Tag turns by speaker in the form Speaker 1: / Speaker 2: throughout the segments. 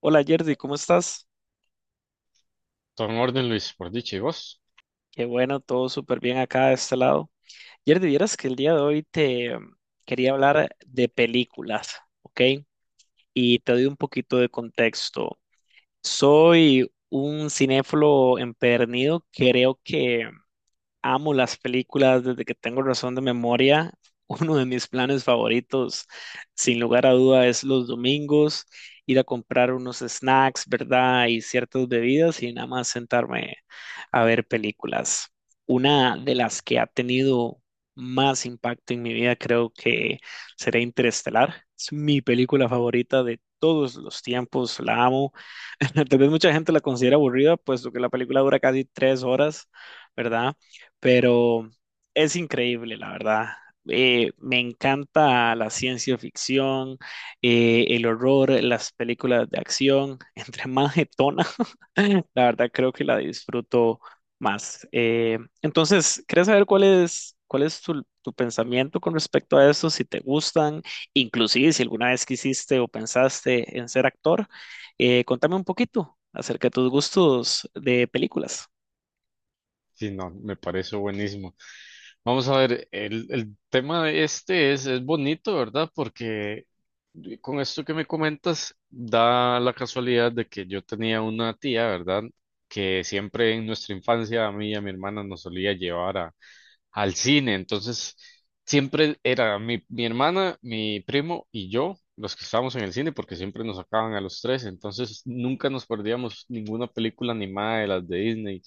Speaker 1: Hola Yerdy, ¿cómo estás?
Speaker 2: Todo en orden, Luis, por dicha, ¿y vos?
Speaker 1: Qué bueno, todo súper bien acá de este lado. Yerdy, vieras que el día de hoy quería hablar de películas, ¿ok? Y te doy un poquito de contexto. Soy un cinéfilo empedernido, creo que amo las películas desde que tengo razón de memoria. Uno de mis planes favoritos, sin lugar a duda, es los domingos, ir a comprar unos snacks, ¿verdad? Y ciertas bebidas y nada más sentarme a ver películas. Una de las que ha tenido más impacto en mi vida creo que será Interestelar. Es mi película favorita de todos los tiempos, la amo. Tal vez mucha gente la considera aburrida, puesto que la película dura casi tres horas, ¿verdad? Pero es increíble, la verdad. Me encanta la ciencia ficción, el horror, las películas de acción. Entre más jetona, la verdad creo que la disfruto más. Entonces, ¿quieres saber cuál es tu pensamiento con respecto a eso? Si te gustan, inclusive si alguna vez quisiste o pensaste en ser actor, contame un poquito acerca de tus gustos de películas.
Speaker 2: Sí, no, me parece buenísimo. Vamos a ver, el tema de este es bonito, ¿verdad? Porque con esto que me comentas, da la casualidad de que yo tenía una tía, ¿verdad? Que siempre en nuestra infancia a mí y a mi hermana nos solía llevar al cine. Entonces, siempre era mi hermana, mi primo y yo los que estábamos en el cine, porque siempre nos sacaban a los tres. Entonces, nunca nos perdíamos ninguna película animada de las de Disney,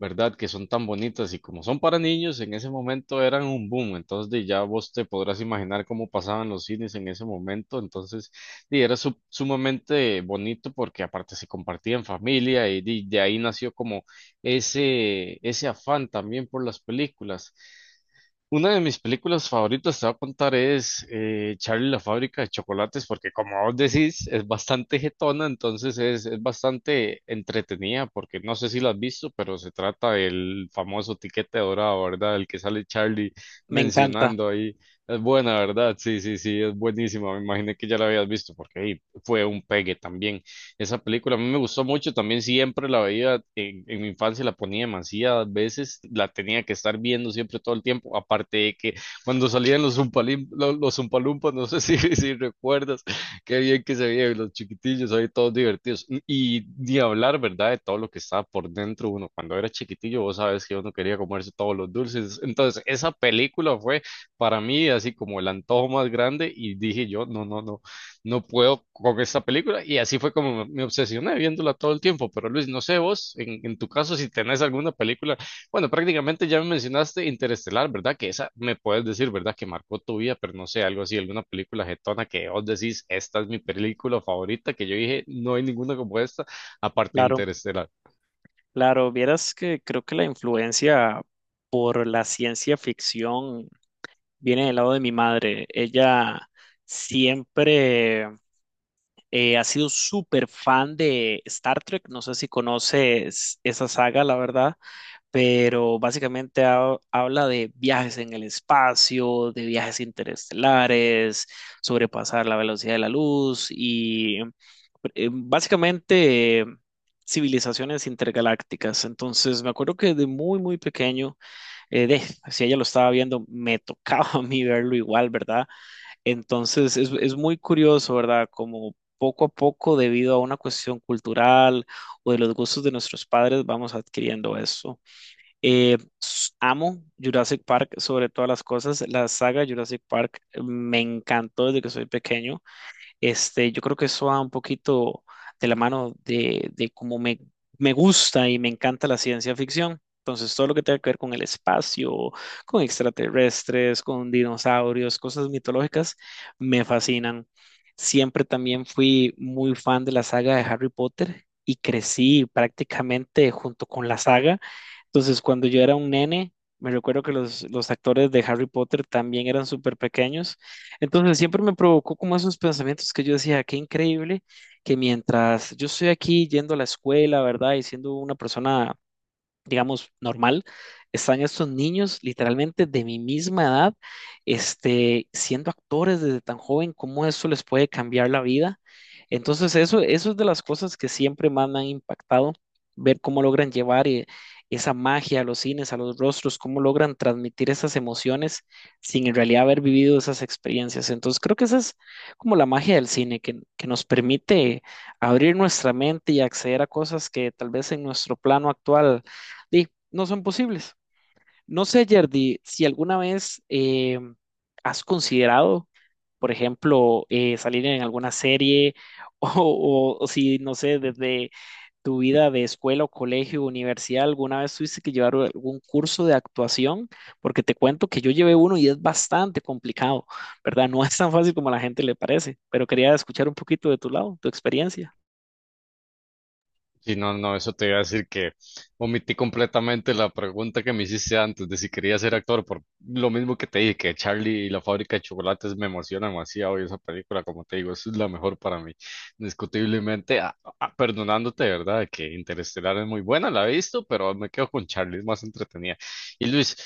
Speaker 2: ¿verdad? Que son tan bonitas y como son para niños, en ese momento eran un boom. Entonces, de ya vos te podrás imaginar cómo pasaban los cines en ese momento. Entonces, di, era sumamente bonito porque aparte se compartía en familia y di, de ahí nació como ese afán también por las películas. Una de mis películas favoritas, te voy a contar, es Charlie y la fábrica de chocolates, porque como vos decís, es bastante jetona, entonces es bastante entretenida, porque no sé si la has visto, pero se trata del famoso tiquete dorado, ¿verdad? El que sale Charlie
Speaker 1: Me encanta,
Speaker 2: mencionando ahí. Es buena, ¿verdad? Sí, sí, sí, es buenísima. Me imaginé que ya la habías visto, porque ahí fue un pegue también. Esa película a mí me gustó mucho, también siempre la veía en mi infancia, la ponía demasiadas veces, la tenía que estar viendo siempre todo el tiempo, aparte de que cuando salían los los Zumpalumpas, no sé si, si recuerdas, qué bien que se veían los chiquitillos ahí todos divertidos. Y ni hablar, ¿verdad? De todo lo que estaba por dentro uno. Cuando era chiquitillo, vos sabes que uno quería comerse todos los dulces. Entonces, esa película fue para mí así como el antojo más grande y dije yo, no, no, no, no puedo con esta película. Y así fue como me obsesioné viéndola todo el tiempo. Pero Luis, no sé vos, en tu caso, si tenés alguna película, bueno, prácticamente ya me mencionaste Interestelar, ¿verdad? Que esa me puedes decir, ¿verdad? Que marcó tu vida, pero no sé, algo así, alguna película jetona que vos decís, esta es mi película favorita, que yo dije, no hay ninguna como esta, aparte de
Speaker 1: claro.
Speaker 2: Interestelar.
Speaker 1: Claro, vieras que creo que la influencia por la ciencia ficción viene del lado de mi madre. Ella siempre ha sido súper fan de Star Trek. No sé si conoces esa saga, la verdad, pero básicamente habla de viajes en el espacio, de viajes interestelares, sobrepasar la velocidad de la luz y básicamente civilizaciones intergalácticas. Entonces, me acuerdo que de muy pequeño, eh, de, si ella lo estaba viendo, me tocaba a mí verlo igual, ¿verdad? Entonces, es muy curioso, ¿verdad? Como poco a poco, debido a una cuestión cultural o de los gustos de nuestros padres, vamos adquiriendo eso. Amo Jurassic Park sobre todas las cosas. La saga Jurassic Park me encantó desde que soy pequeño. Este, yo creo que eso va un poquito de la mano de cómo me gusta y me encanta la ciencia ficción. Entonces, todo lo que tenga que ver con el espacio, con extraterrestres, con dinosaurios, cosas mitológicas, me fascinan. Siempre también fui muy fan de la saga de Harry Potter y crecí prácticamente junto con la saga. Entonces, cuando yo era un nene, me recuerdo que los actores de Harry Potter también eran súper pequeños, entonces siempre me provocó como esos pensamientos que yo decía, qué increíble que mientras yo estoy aquí yendo a la escuela, ¿verdad? Y siendo una persona, digamos, normal, están estos niños literalmente de mi misma edad, este, siendo actores desde tan joven, cómo eso les puede cambiar la vida. Entonces, eso es de las cosas que siempre más me han impactado, ver cómo logran llevar esa magia a los cines, a los rostros, cómo logran transmitir esas emociones sin en realidad haber vivido esas experiencias. Entonces, creo que esa es como la magia del cine, que nos permite abrir nuestra mente y acceder a cosas que tal vez en nuestro plano actual di, no son posibles. No sé, Yerdy, si alguna vez has considerado, por ejemplo, salir en alguna serie o si, no sé, desde tu vida de escuela o colegio, universidad, alguna vez tuviste que llevar algún curso de actuación, porque te cuento que yo llevé uno y es bastante complicado, ¿verdad? No es tan fácil como a la gente le parece, pero quería escuchar un poquito de tu lado, tu experiencia.
Speaker 2: Sí, no, no, eso te iba a decir, que omití completamente la pregunta que me hiciste antes de si quería ser actor, por lo mismo que te dije, que Charlie y la fábrica de chocolates me emociona demasiado y esa película, como te digo, es la mejor para mí, indiscutiblemente, perdonándote, ¿verdad? Que Interestelar es muy buena, la he visto, pero me quedo con Charlie, es más entretenida. Y Luis,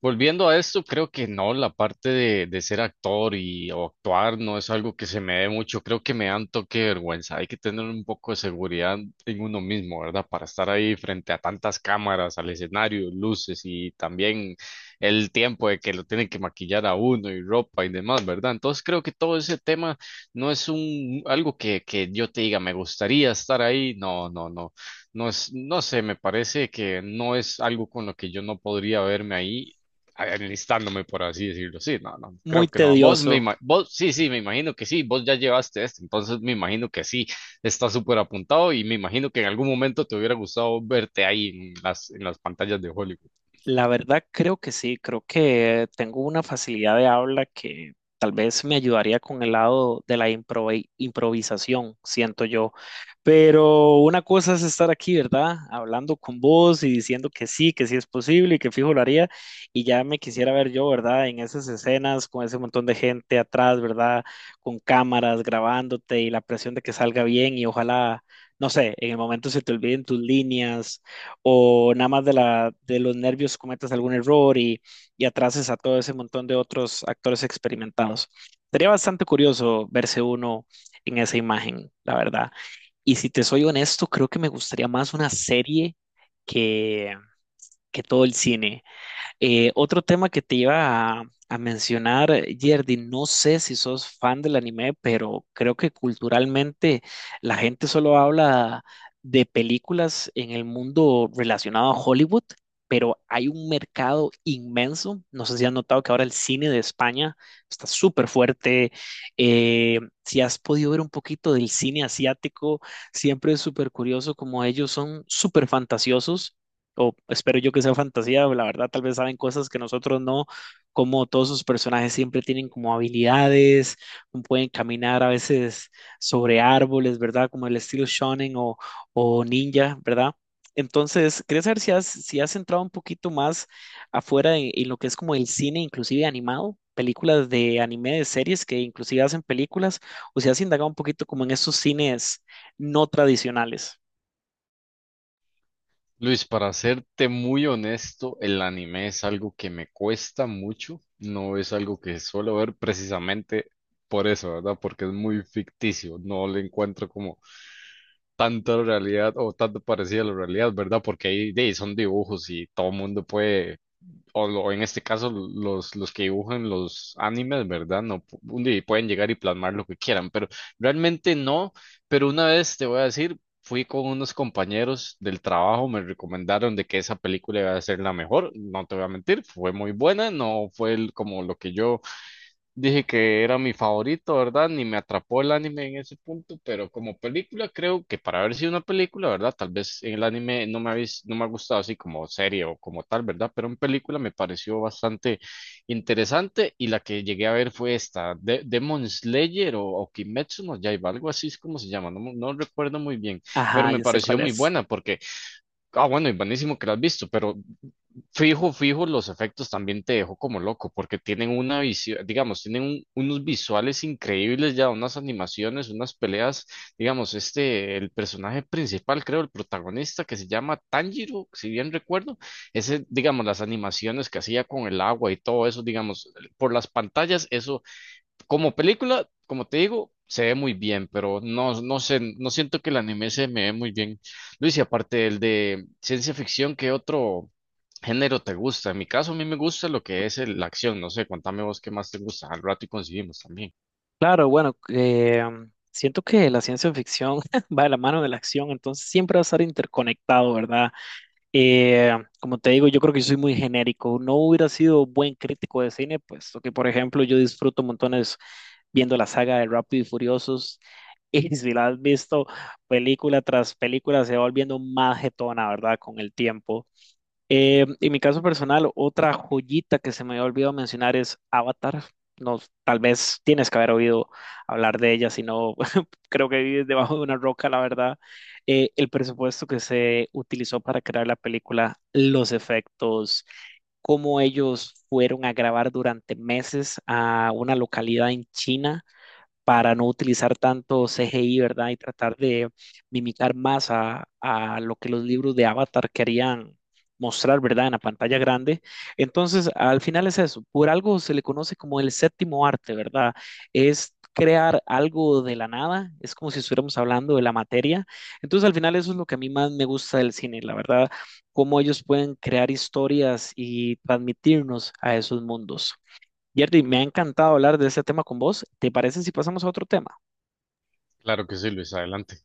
Speaker 2: volviendo a esto, creo que no, la parte de ser actor y o actuar no es algo que se me dé mucho, creo que me dan toque de vergüenza, hay que tener un poco de seguridad en uno mismo, ¿verdad? Para estar ahí frente a tantas cámaras, al escenario, luces y también el tiempo de que lo tienen que maquillar a uno y ropa y demás, ¿verdad? Entonces, creo que todo ese tema no es un algo que yo te diga, me gustaría estar ahí, no, no, no. No es, no sé, me parece que no es algo con lo que yo no podría verme ahí enlistándome, por así decirlo. Sí, no, no,
Speaker 1: Muy
Speaker 2: creo que no. Vos
Speaker 1: tedioso.
Speaker 2: vos, sí, sí, me imagino que sí, vos ya llevaste esto, entonces me imagino que sí, está súper apuntado y me imagino que en algún momento te hubiera gustado verte ahí en las pantallas de Hollywood.
Speaker 1: La verdad creo que sí, creo que tengo una facilidad de habla que tal vez me ayudaría con el lado de la improvisación, siento yo. Pero una cosa es estar aquí, ¿verdad? Hablando con vos y diciendo que sí es posible y que fijo lo haría. Y ya me quisiera ver yo, ¿verdad? En esas escenas con ese montón de gente atrás, ¿verdad? Con cámaras grabándote y la presión de que salga bien y ojalá, no sé, en el momento se te olviden tus líneas o nada más de los nervios cometas algún error y atrases a todo ese montón de otros actores experimentados. Sería bastante curioso verse uno en esa imagen, la verdad. Y si te soy honesto, creo que me gustaría más una serie que, que todo el cine. Otro tema que te iba a mencionar, Yerdy, no sé si sos fan del anime, pero creo que culturalmente la gente solo habla de películas en el mundo relacionado a Hollywood, pero hay un mercado inmenso. No sé si has notado que ahora el cine de España está súper fuerte. Si has podido ver un poquito del cine asiático, siempre es súper curioso como ellos son súper fantasiosos o espero yo que sea fantasía, la verdad tal vez saben cosas que nosotros no, como todos sus personajes siempre tienen como habilidades, como pueden caminar a veces sobre árboles, ¿verdad? Como el estilo shonen o ninja, ¿verdad? Entonces, quería saber si has entrado un poquito más afuera en lo que es como el cine, inclusive animado, películas de anime, de series que inclusive hacen películas, o si has indagado un poquito como en esos cines no tradicionales.
Speaker 2: Luis, para serte muy honesto, el anime es algo que me cuesta mucho, no es algo que suelo ver precisamente por eso, ¿verdad? Porque es muy ficticio, no le encuentro como tanta realidad o tanto parecida a la realidad, ¿verdad? Porque ahí de ahí son dibujos y todo el mundo puede, en este caso los que dibujan los animes, ¿verdad? No, un día pueden llegar y plasmar lo que quieran, pero realmente no, pero una vez te voy a decir, fui con unos compañeros del trabajo, me recomendaron de que esa película iba a ser la mejor, no te voy a mentir, fue muy buena, no fue como lo que yo dije que era mi favorito, ¿verdad? Ni me atrapó el anime en ese punto, pero como película creo que para haber sido una película, ¿verdad? Tal vez en el anime no me ha, no me ha gustado así como serie o como tal, ¿verdad? Pero en película me pareció bastante interesante, y la que llegué a ver fue esta, de Demon Slayer o Kimetsu no Yaiba, algo así es como se llama, no, no recuerdo muy bien, pero
Speaker 1: Ajá,
Speaker 2: me
Speaker 1: yo sé
Speaker 2: pareció
Speaker 1: cuál
Speaker 2: muy
Speaker 1: es.
Speaker 2: buena porque, ah, bueno, y buenísimo que la has visto, pero fijo, fijo, los efectos también te dejó como loco, porque tienen una visión, digamos, tienen unos visuales increíbles ya, unas animaciones, unas peleas, digamos, este, el personaje principal, creo, el protagonista, que se llama Tanjiro, si bien recuerdo, ese, digamos, las animaciones que hacía con el agua y todo eso, digamos, por las pantallas, eso como película, como te digo, se ve muy bien, pero no, no sé, no siento que el anime se me ve muy bien. Luis, y aparte el de ciencia ficción, ¿qué otro género te gusta? En mi caso, a mí me gusta lo que es la acción. No sé, contame vos qué más te gusta. Al rato y coincidimos también.
Speaker 1: Claro, bueno, siento que la ciencia ficción va de la mano de la acción, entonces siempre va a estar interconectado, ¿verdad? Eh, Como te digo, yo creo que yo soy muy genérico. No hubiera sido buen crítico de cine, puesto que, por ejemplo, yo disfruto montones viendo la saga de Rápido y Furiosos. Y si la has visto película tras película, se va volviendo más jetona, ¿verdad? Con el tiempo. En mi caso personal, otra joyita que se me había olvidado mencionar es Avatar. No, tal vez tienes que haber oído hablar de ella, si no, creo que vives debajo de una roca, la verdad. El presupuesto que se utilizó para crear la película, los efectos, cómo ellos fueron a grabar durante meses a una localidad en China para no utilizar tanto CGI, ¿verdad? Y tratar de mimicar más a lo que los libros de Avatar querían mostrar, ¿verdad? En la pantalla grande. Entonces, al final es eso. Por algo se le conoce como el séptimo arte, ¿verdad? Es crear algo de la nada, es como si estuviéramos hablando de la materia. Entonces, al final eso es lo que a mí más me gusta del cine, la verdad, cómo ellos pueden crear historias y transmitirnos a esos mundos. Jerry, me ha encantado hablar de ese tema con vos. ¿Te parece si pasamos a otro tema?
Speaker 2: Claro que sí, Luis, adelante.